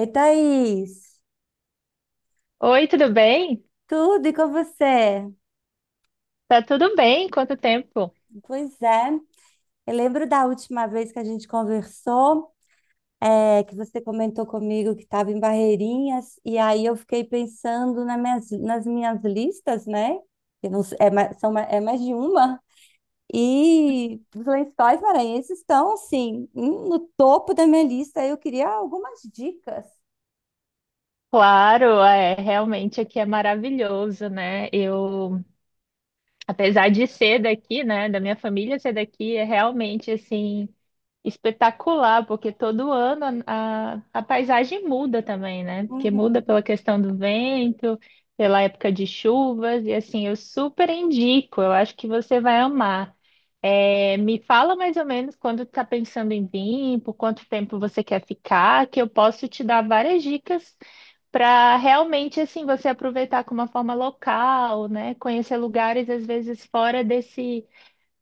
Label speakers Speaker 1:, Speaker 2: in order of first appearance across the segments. Speaker 1: Ei, Thaís,
Speaker 2: Oi, tudo bem?
Speaker 1: tudo e com você?
Speaker 2: Tá tudo bem? Quanto tempo?
Speaker 1: Pois é, eu lembro da última vez que a gente conversou, é, que você comentou comigo que estava em Barreirinhas, e aí eu fiquei pensando nas minhas listas, né? Que não s- é, mais- são, ma- é mais de uma, e os lençóis maranhenses estão, assim, no topo da minha lista, eu queria algumas dicas.
Speaker 2: Claro, é, realmente aqui é maravilhoso, né? Eu Apesar de ser daqui, né, da minha família ser daqui, é realmente assim espetacular, porque todo ano a paisagem muda também, né? Porque muda
Speaker 1: Uhum.
Speaker 2: pela questão do vento, pela época de chuvas, e assim, eu super indico, eu acho que você vai amar. É, me fala mais ou menos quando está pensando em vir, por quanto tempo você quer ficar, que eu posso te dar várias dicas para realmente assim você aproveitar com uma forma local, né? Conhecer lugares às vezes fora desse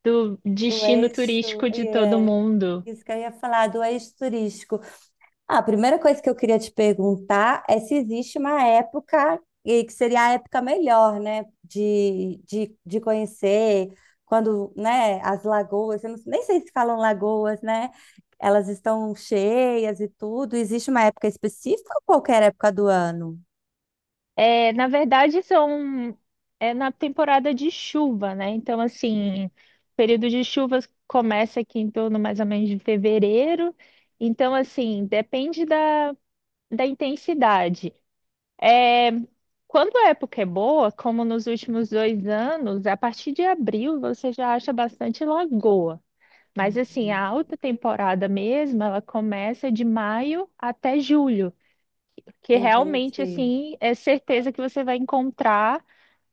Speaker 2: do
Speaker 1: Do
Speaker 2: destino
Speaker 1: eixo,
Speaker 2: turístico de todo
Speaker 1: é,
Speaker 2: mundo.
Speaker 1: isso que eu ia falar, do eixo turístico. Ah, a primeira coisa que eu queria te perguntar é se existe uma época e que seria a época melhor, né, de conhecer quando, né, as lagoas, eu nem sei se falam lagoas, né, elas estão cheias e tudo. Existe uma época específica ou qualquer época do ano?
Speaker 2: É, na verdade são é na temporada de chuva, né? Então assim, o período de chuvas começa aqui em torno mais ou menos de fevereiro. Então assim, depende da intensidade. Quando a época é boa, como nos últimos dois anos, a partir de abril você já acha bastante lagoa. Mas assim, a
Speaker 1: Hum,
Speaker 2: alta temporada mesmo, ela começa de maio até julho que realmente
Speaker 1: Entendi.
Speaker 2: assim é certeza que você vai encontrar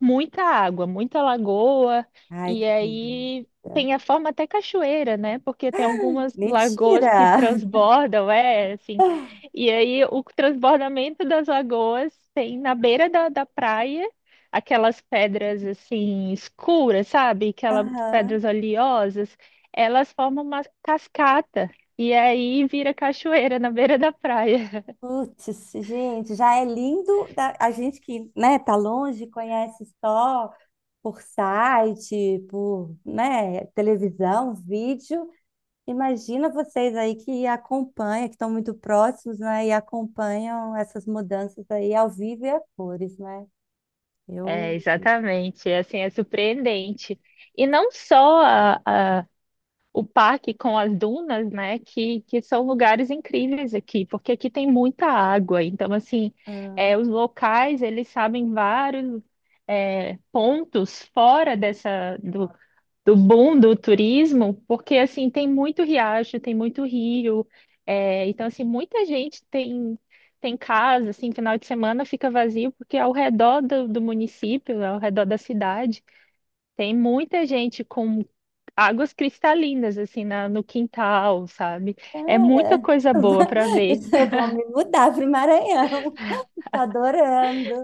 Speaker 2: muita água, muita lagoa,
Speaker 1: Ai,
Speaker 2: e
Speaker 1: que
Speaker 2: aí
Speaker 1: delícia.
Speaker 2: tem a forma até cachoeira, né? Porque tem algumas lagoas que
Speaker 1: Mentira!
Speaker 2: transbordam, é assim. E aí o transbordamento das lagoas tem na beira da praia aquelas pedras assim escuras, sabe? Aquelas
Speaker 1: Aham.
Speaker 2: pedras oleosas, elas formam uma cascata. E aí vira cachoeira na beira da praia.
Speaker 1: Putz, gente, já é lindo a gente que, né, tá longe, conhece só por site, por, né, televisão, vídeo. Imagina vocês aí que acompanham, que estão muito próximos, né, e acompanham essas mudanças aí ao vivo e a cores, né? Eu,
Speaker 2: É, exatamente. É, assim, é surpreendente. E não só o parque com as dunas, né, que são lugares incríveis aqui, porque aqui tem muita água. Então, assim,
Speaker 1: ah,
Speaker 2: é, os locais, eles sabem vários é, pontos fora dessa, do boom do turismo, porque assim tem muito riacho, tem muito rio, é, então assim muita gente tem casa, assim final de semana fica vazio porque ao redor do município, ao redor da cidade, tem muita gente com águas cristalinas assim no quintal, sabe? É muita
Speaker 1: cara,
Speaker 2: coisa boa para ver.
Speaker 1: eu vou me mudar para o Maranhão. Tô adorando.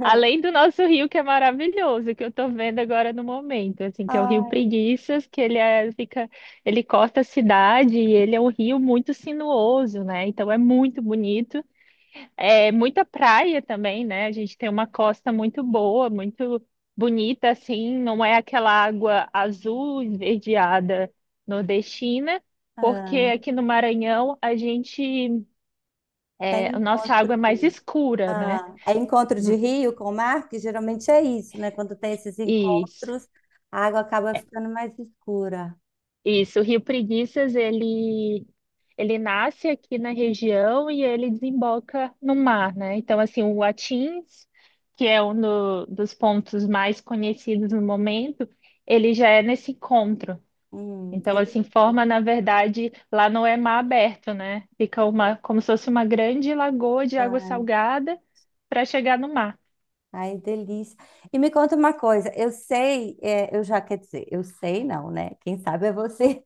Speaker 2: Além do nosso rio, que é maravilhoso, que eu tô vendo agora no momento, assim, que é o Rio
Speaker 1: Ai,
Speaker 2: Preguiças, que fica, ele corta a cidade e ele é um rio muito sinuoso, né? Então é muito bonito. É muita praia também, né? A gente tem uma costa muito boa, muito bonita, assim, não é aquela água azul esverdeada nordestina, porque
Speaker 1: ah,
Speaker 2: aqui no Maranhão a gente,
Speaker 1: tem
Speaker 2: é, a nossa
Speaker 1: encontro.
Speaker 2: água é mais escura, né?
Speaker 1: Ah, é encontro de
Speaker 2: Hum.
Speaker 1: rio com o mar, que geralmente é isso, né? Quando tem esses
Speaker 2: Isso.
Speaker 1: encontros, a água acaba ficando mais escura.
Speaker 2: Isso, o Rio Preguiças, ele nasce aqui na região e ele desemboca no mar, né? Então, assim, o Atins, que é um dos pontos mais conhecidos no momento, ele já é nesse encontro. Então,
Speaker 1: Interessante.
Speaker 2: assim, forma, na verdade, lá não é mar aberto, né? Fica uma, como se fosse uma grande lagoa de água salgada para chegar no mar.
Speaker 1: Ai, delícia. E me conta uma coisa, eu sei, é, eu já, quer dizer, eu sei não, né? Quem sabe é você.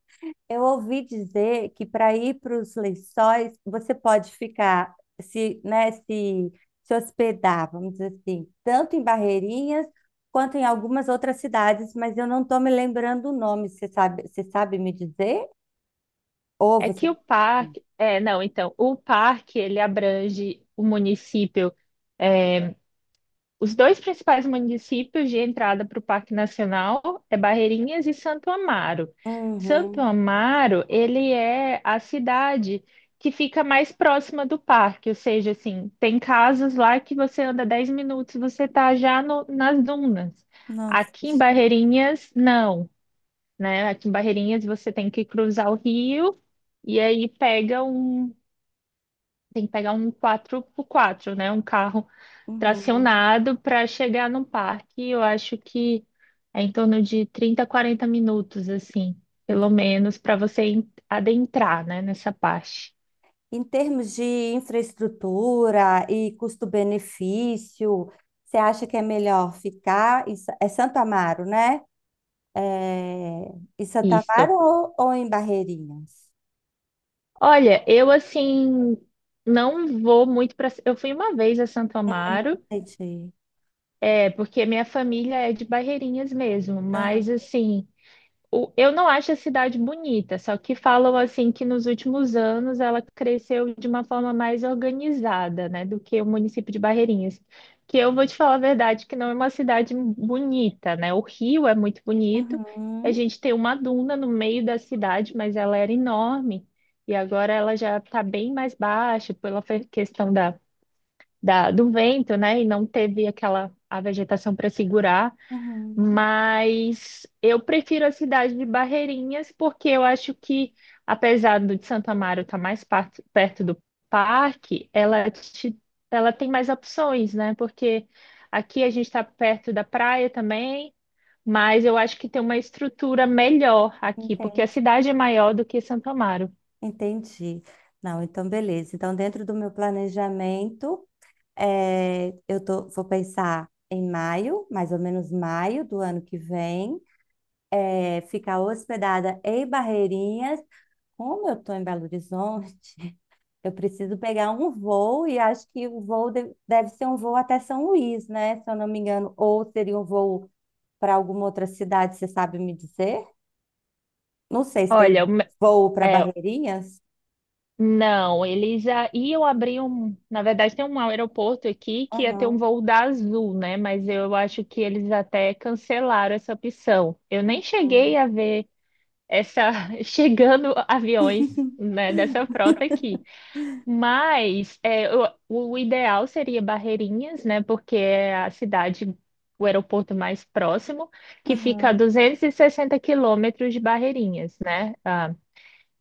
Speaker 1: Eu ouvi dizer que para ir para os lençóis, você pode ficar, se, né, se hospedar, vamos dizer assim, tanto em Barreirinhas quanto em algumas outras cidades, mas eu não estou me lembrando o nome. Você sabe me dizer? Ou
Speaker 2: É
Speaker 1: você.
Speaker 2: que o parque, é, não, então, o parque, ele abrange o município. Os dois principais municípios de entrada para o Parque Nacional é Barreirinhas e Santo Amaro. Santo
Speaker 1: Uhum.
Speaker 2: Amaro, ele é a cidade que fica mais próxima do parque, ou seja, assim, tem casas lá que você anda 10 minutos, você está já nas dunas.
Speaker 1: Nossa,
Speaker 2: Aqui em
Speaker 1: gente.
Speaker 2: Barreirinhas, não, né? Aqui em Barreirinhas você tem que cruzar o rio e aí tem que pegar um 4x4, né? Um carro
Speaker 1: Uhum.
Speaker 2: tracionado para chegar no parque, eu acho que é em torno de 30, 40 minutos, assim, pelo
Speaker 1: Ent-
Speaker 2: menos, para você adentrar, né, nessa parte.
Speaker 1: Em termos de infraestrutura e custo-benefício, você acha que é melhor ficar em, Santo Amaro, né? É, em Santo Amaro
Speaker 2: Isso.
Speaker 1: ou em Barreirinhas?
Speaker 2: Olha, eu assim não vou muito para. Eu fui uma vez a Santo Amaro,
Speaker 1: Entendi.
Speaker 2: é porque minha família é de Barreirinhas mesmo,
Speaker 1: Aham.
Speaker 2: mas assim, eu não acho a cidade bonita, só que falam assim que nos últimos anos ela cresceu de uma forma mais organizada, né, do que o município de Barreirinhas. Que eu vou te falar a verdade, que não é uma cidade bonita, né? O rio é muito bonito. A
Speaker 1: Uhum.
Speaker 2: gente tem uma duna no meio da cidade, mas ela era enorme e agora ela já está bem mais baixa pela questão do vento, né? E não teve aquela a vegetação para segurar.
Speaker 1: Uhum.
Speaker 2: Mas eu prefiro a cidade de Barreirinhas, porque eu acho que, apesar do de Santo Amaro estar perto do parque, ela tem mais opções, né? Porque aqui a gente está perto da praia também, mas eu acho que tem uma estrutura melhor aqui, porque a
Speaker 1: Entendi.
Speaker 2: cidade é maior do que Santo Amaro.
Speaker 1: Entendi. Não, então beleza. Então, dentro do meu planejamento, vou pensar em maio, mais ou menos maio do ano que vem. Ficar hospedada em Barreirinhas. Como eu estou em Belo Horizonte, eu preciso pegar um voo e acho que o voo deve ser um voo até São Luís, né? Se eu não me engano, ou seria um voo para alguma outra cidade, você sabe me dizer? Não sei se tem
Speaker 2: Olha,
Speaker 1: voo para
Speaker 2: é,
Speaker 1: Barreirinhas.
Speaker 2: não, eles já iam abrir um. Na verdade, tem um aeroporto aqui que ia ter um
Speaker 1: Aham,
Speaker 2: voo da Azul, né? Mas eu acho que eles até cancelaram essa opção. Eu nem cheguei
Speaker 1: aham,
Speaker 2: a ver essa chegando aviões, né, dessa frota aqui. Mas é, o ideal seria Barreirinhas, né? Porque é a cidade, o aeroporto mais próximo, que fica a
Speaker 1: aham,
Speaker 2: 260 quilômetros de Barreirinhas, né? Ah,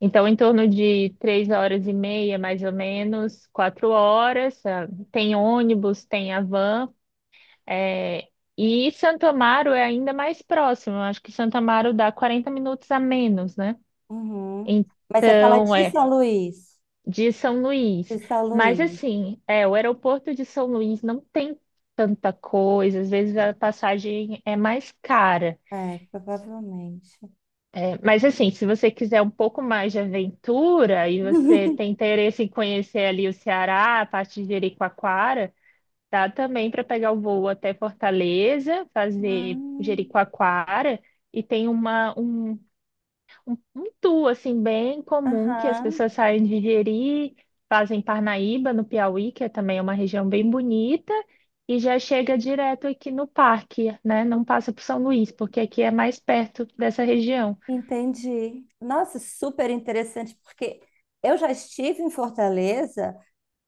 Speaker 2: então, em torno de três horas e meia, mais ou menos, quatro horas. Tem ônibus, tem a van. É, e Santo Amaro é ainda mais próximo. Eu Acho que Santo Amaro dá 40 minutos a menos, né?
Speaker 1: uhum. Mas você fala
Speaker 2: Então,
Speaker 1: de
Speaker 2: é
Speaker 1: São Luís.
Speaker 2: de São Luís.
Speaker 1: De São
Speaker 2: Mas,
Speaker 1: Luís.
Speaker 2: assim, é, o aeroporto de São Luís não tem tanta coisa. Às vezes a passagem é mais cara.
Speaker 1: É, provavelmente.
Speaker 2: Mas assim, se você quiser um pouco mais de aventura e você tem interesse em conhecer ali o Ceará, a parte de Jericoacoara, dá também para pegar o voo até Fortaleza,
Speaker 1: Ah,
Speaker 2: fazer Jericoacoara e tem uma um, um tour assim bem comum que as
Speaker 1: aham.
Speaker 2: pessoas saem de Jeri, fazem Parnaíba no Piauí, que é também uma região bem bonita. E já chega direto aqui no parque, né? Não passa por São Luís, porque aqui é mais perto dessa região.
Speaker 1: Entendi. Nossa, super interessante, porque eu já estive em Fortaleza,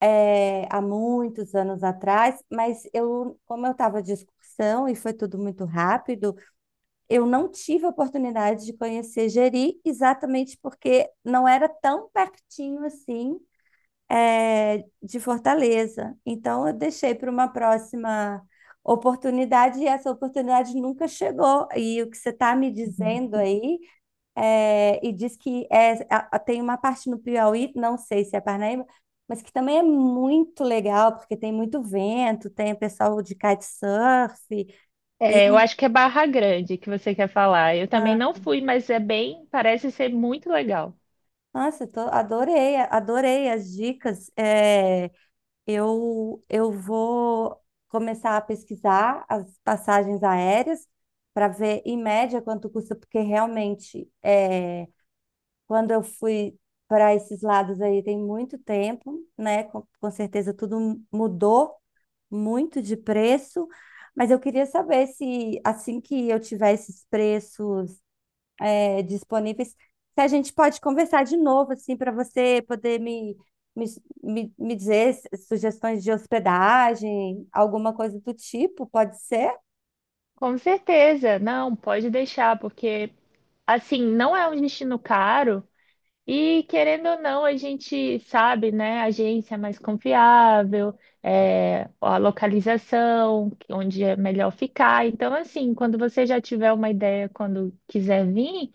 Speaker 1: eh, há muitos anos atrás, mas eu, como eu estava de excursão e foi tudo muito rápido, eu não tive a oportunidade de conhecer Jeri, exatamente porque não era tão pertinho assim, eh, de Fortaleza. Então, eu deixei para uma próxima oportunidade e essa oportunidade nunca chegou. E o que você está me dizendo aí é, e diz que é, tem uma parte no Piauí, não sei se é Parnaíba, mas que também é muito legal, porque tem muito vento, tem o pessoal de kitesurf. E,
Speaker 2: É, eu acho que é Barra Grande que você quer falar. Eu também
Speaker 1: ah,
Speaker 2: não fui, mas é bem, parece ser muito legal.
Speaker 1: nossa, adorei, adorei as dicas. É, eu vou começar a pesquisar as passagens aéreas para ver em média quanto custa, porque realmente. Quando eu fui para esses lados aí, tem muito tempo, né? Com certeza tudo mudou muito de preço, mas eu queria saber se assim que eu tiver esses preços disponíveis, se a gente pode conversar de novo, assim, para você poder me, me dizer sugestões de hospedagem, alguma coisa do tipo, pode ser?
Speaker 2: Com certeza, não, pode deixar, porque assim, não é um destino caro. E querendo ou não, a gente sabe, né? A agência é mais confiável, é, a localização, onde é melhor ficar. Então, assim, quando você já tiver uma ideia, quando quiser vir,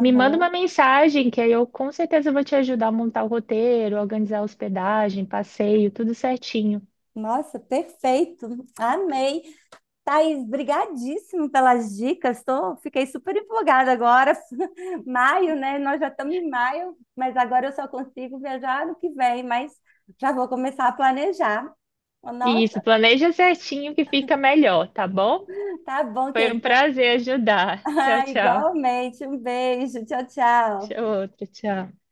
Speaker 2: me manda uma mensagem, que aí eu com certeza vou te ajudar a montar o roteiro, organizar a hospedagem, passeio, tudo certinho.
Speaker 1: Nossa, perfeito. Amei. Thaís, brigadíssimo pelas dicas. Fiquei super empolgada agora. Maio, né? Nós já estamos em maio, mas agora eu só consigo viajar no que vem, mas já vou começar a planejar.
Speaker 2: Isso,
Speaker 1: Nossa,
Speaker 2: planeja certinho que fica melhor, tá bom?
Speaker 1: tá bom,
Speaker 2: Foi um
Speaker 1: querida.
Speaker 2: prazer ajudar. Tchau, tchau.
Speaker 1: Igualmente. Um beijo. Tchau, tchau.
Speaker 2: Tchau, outro, tchau.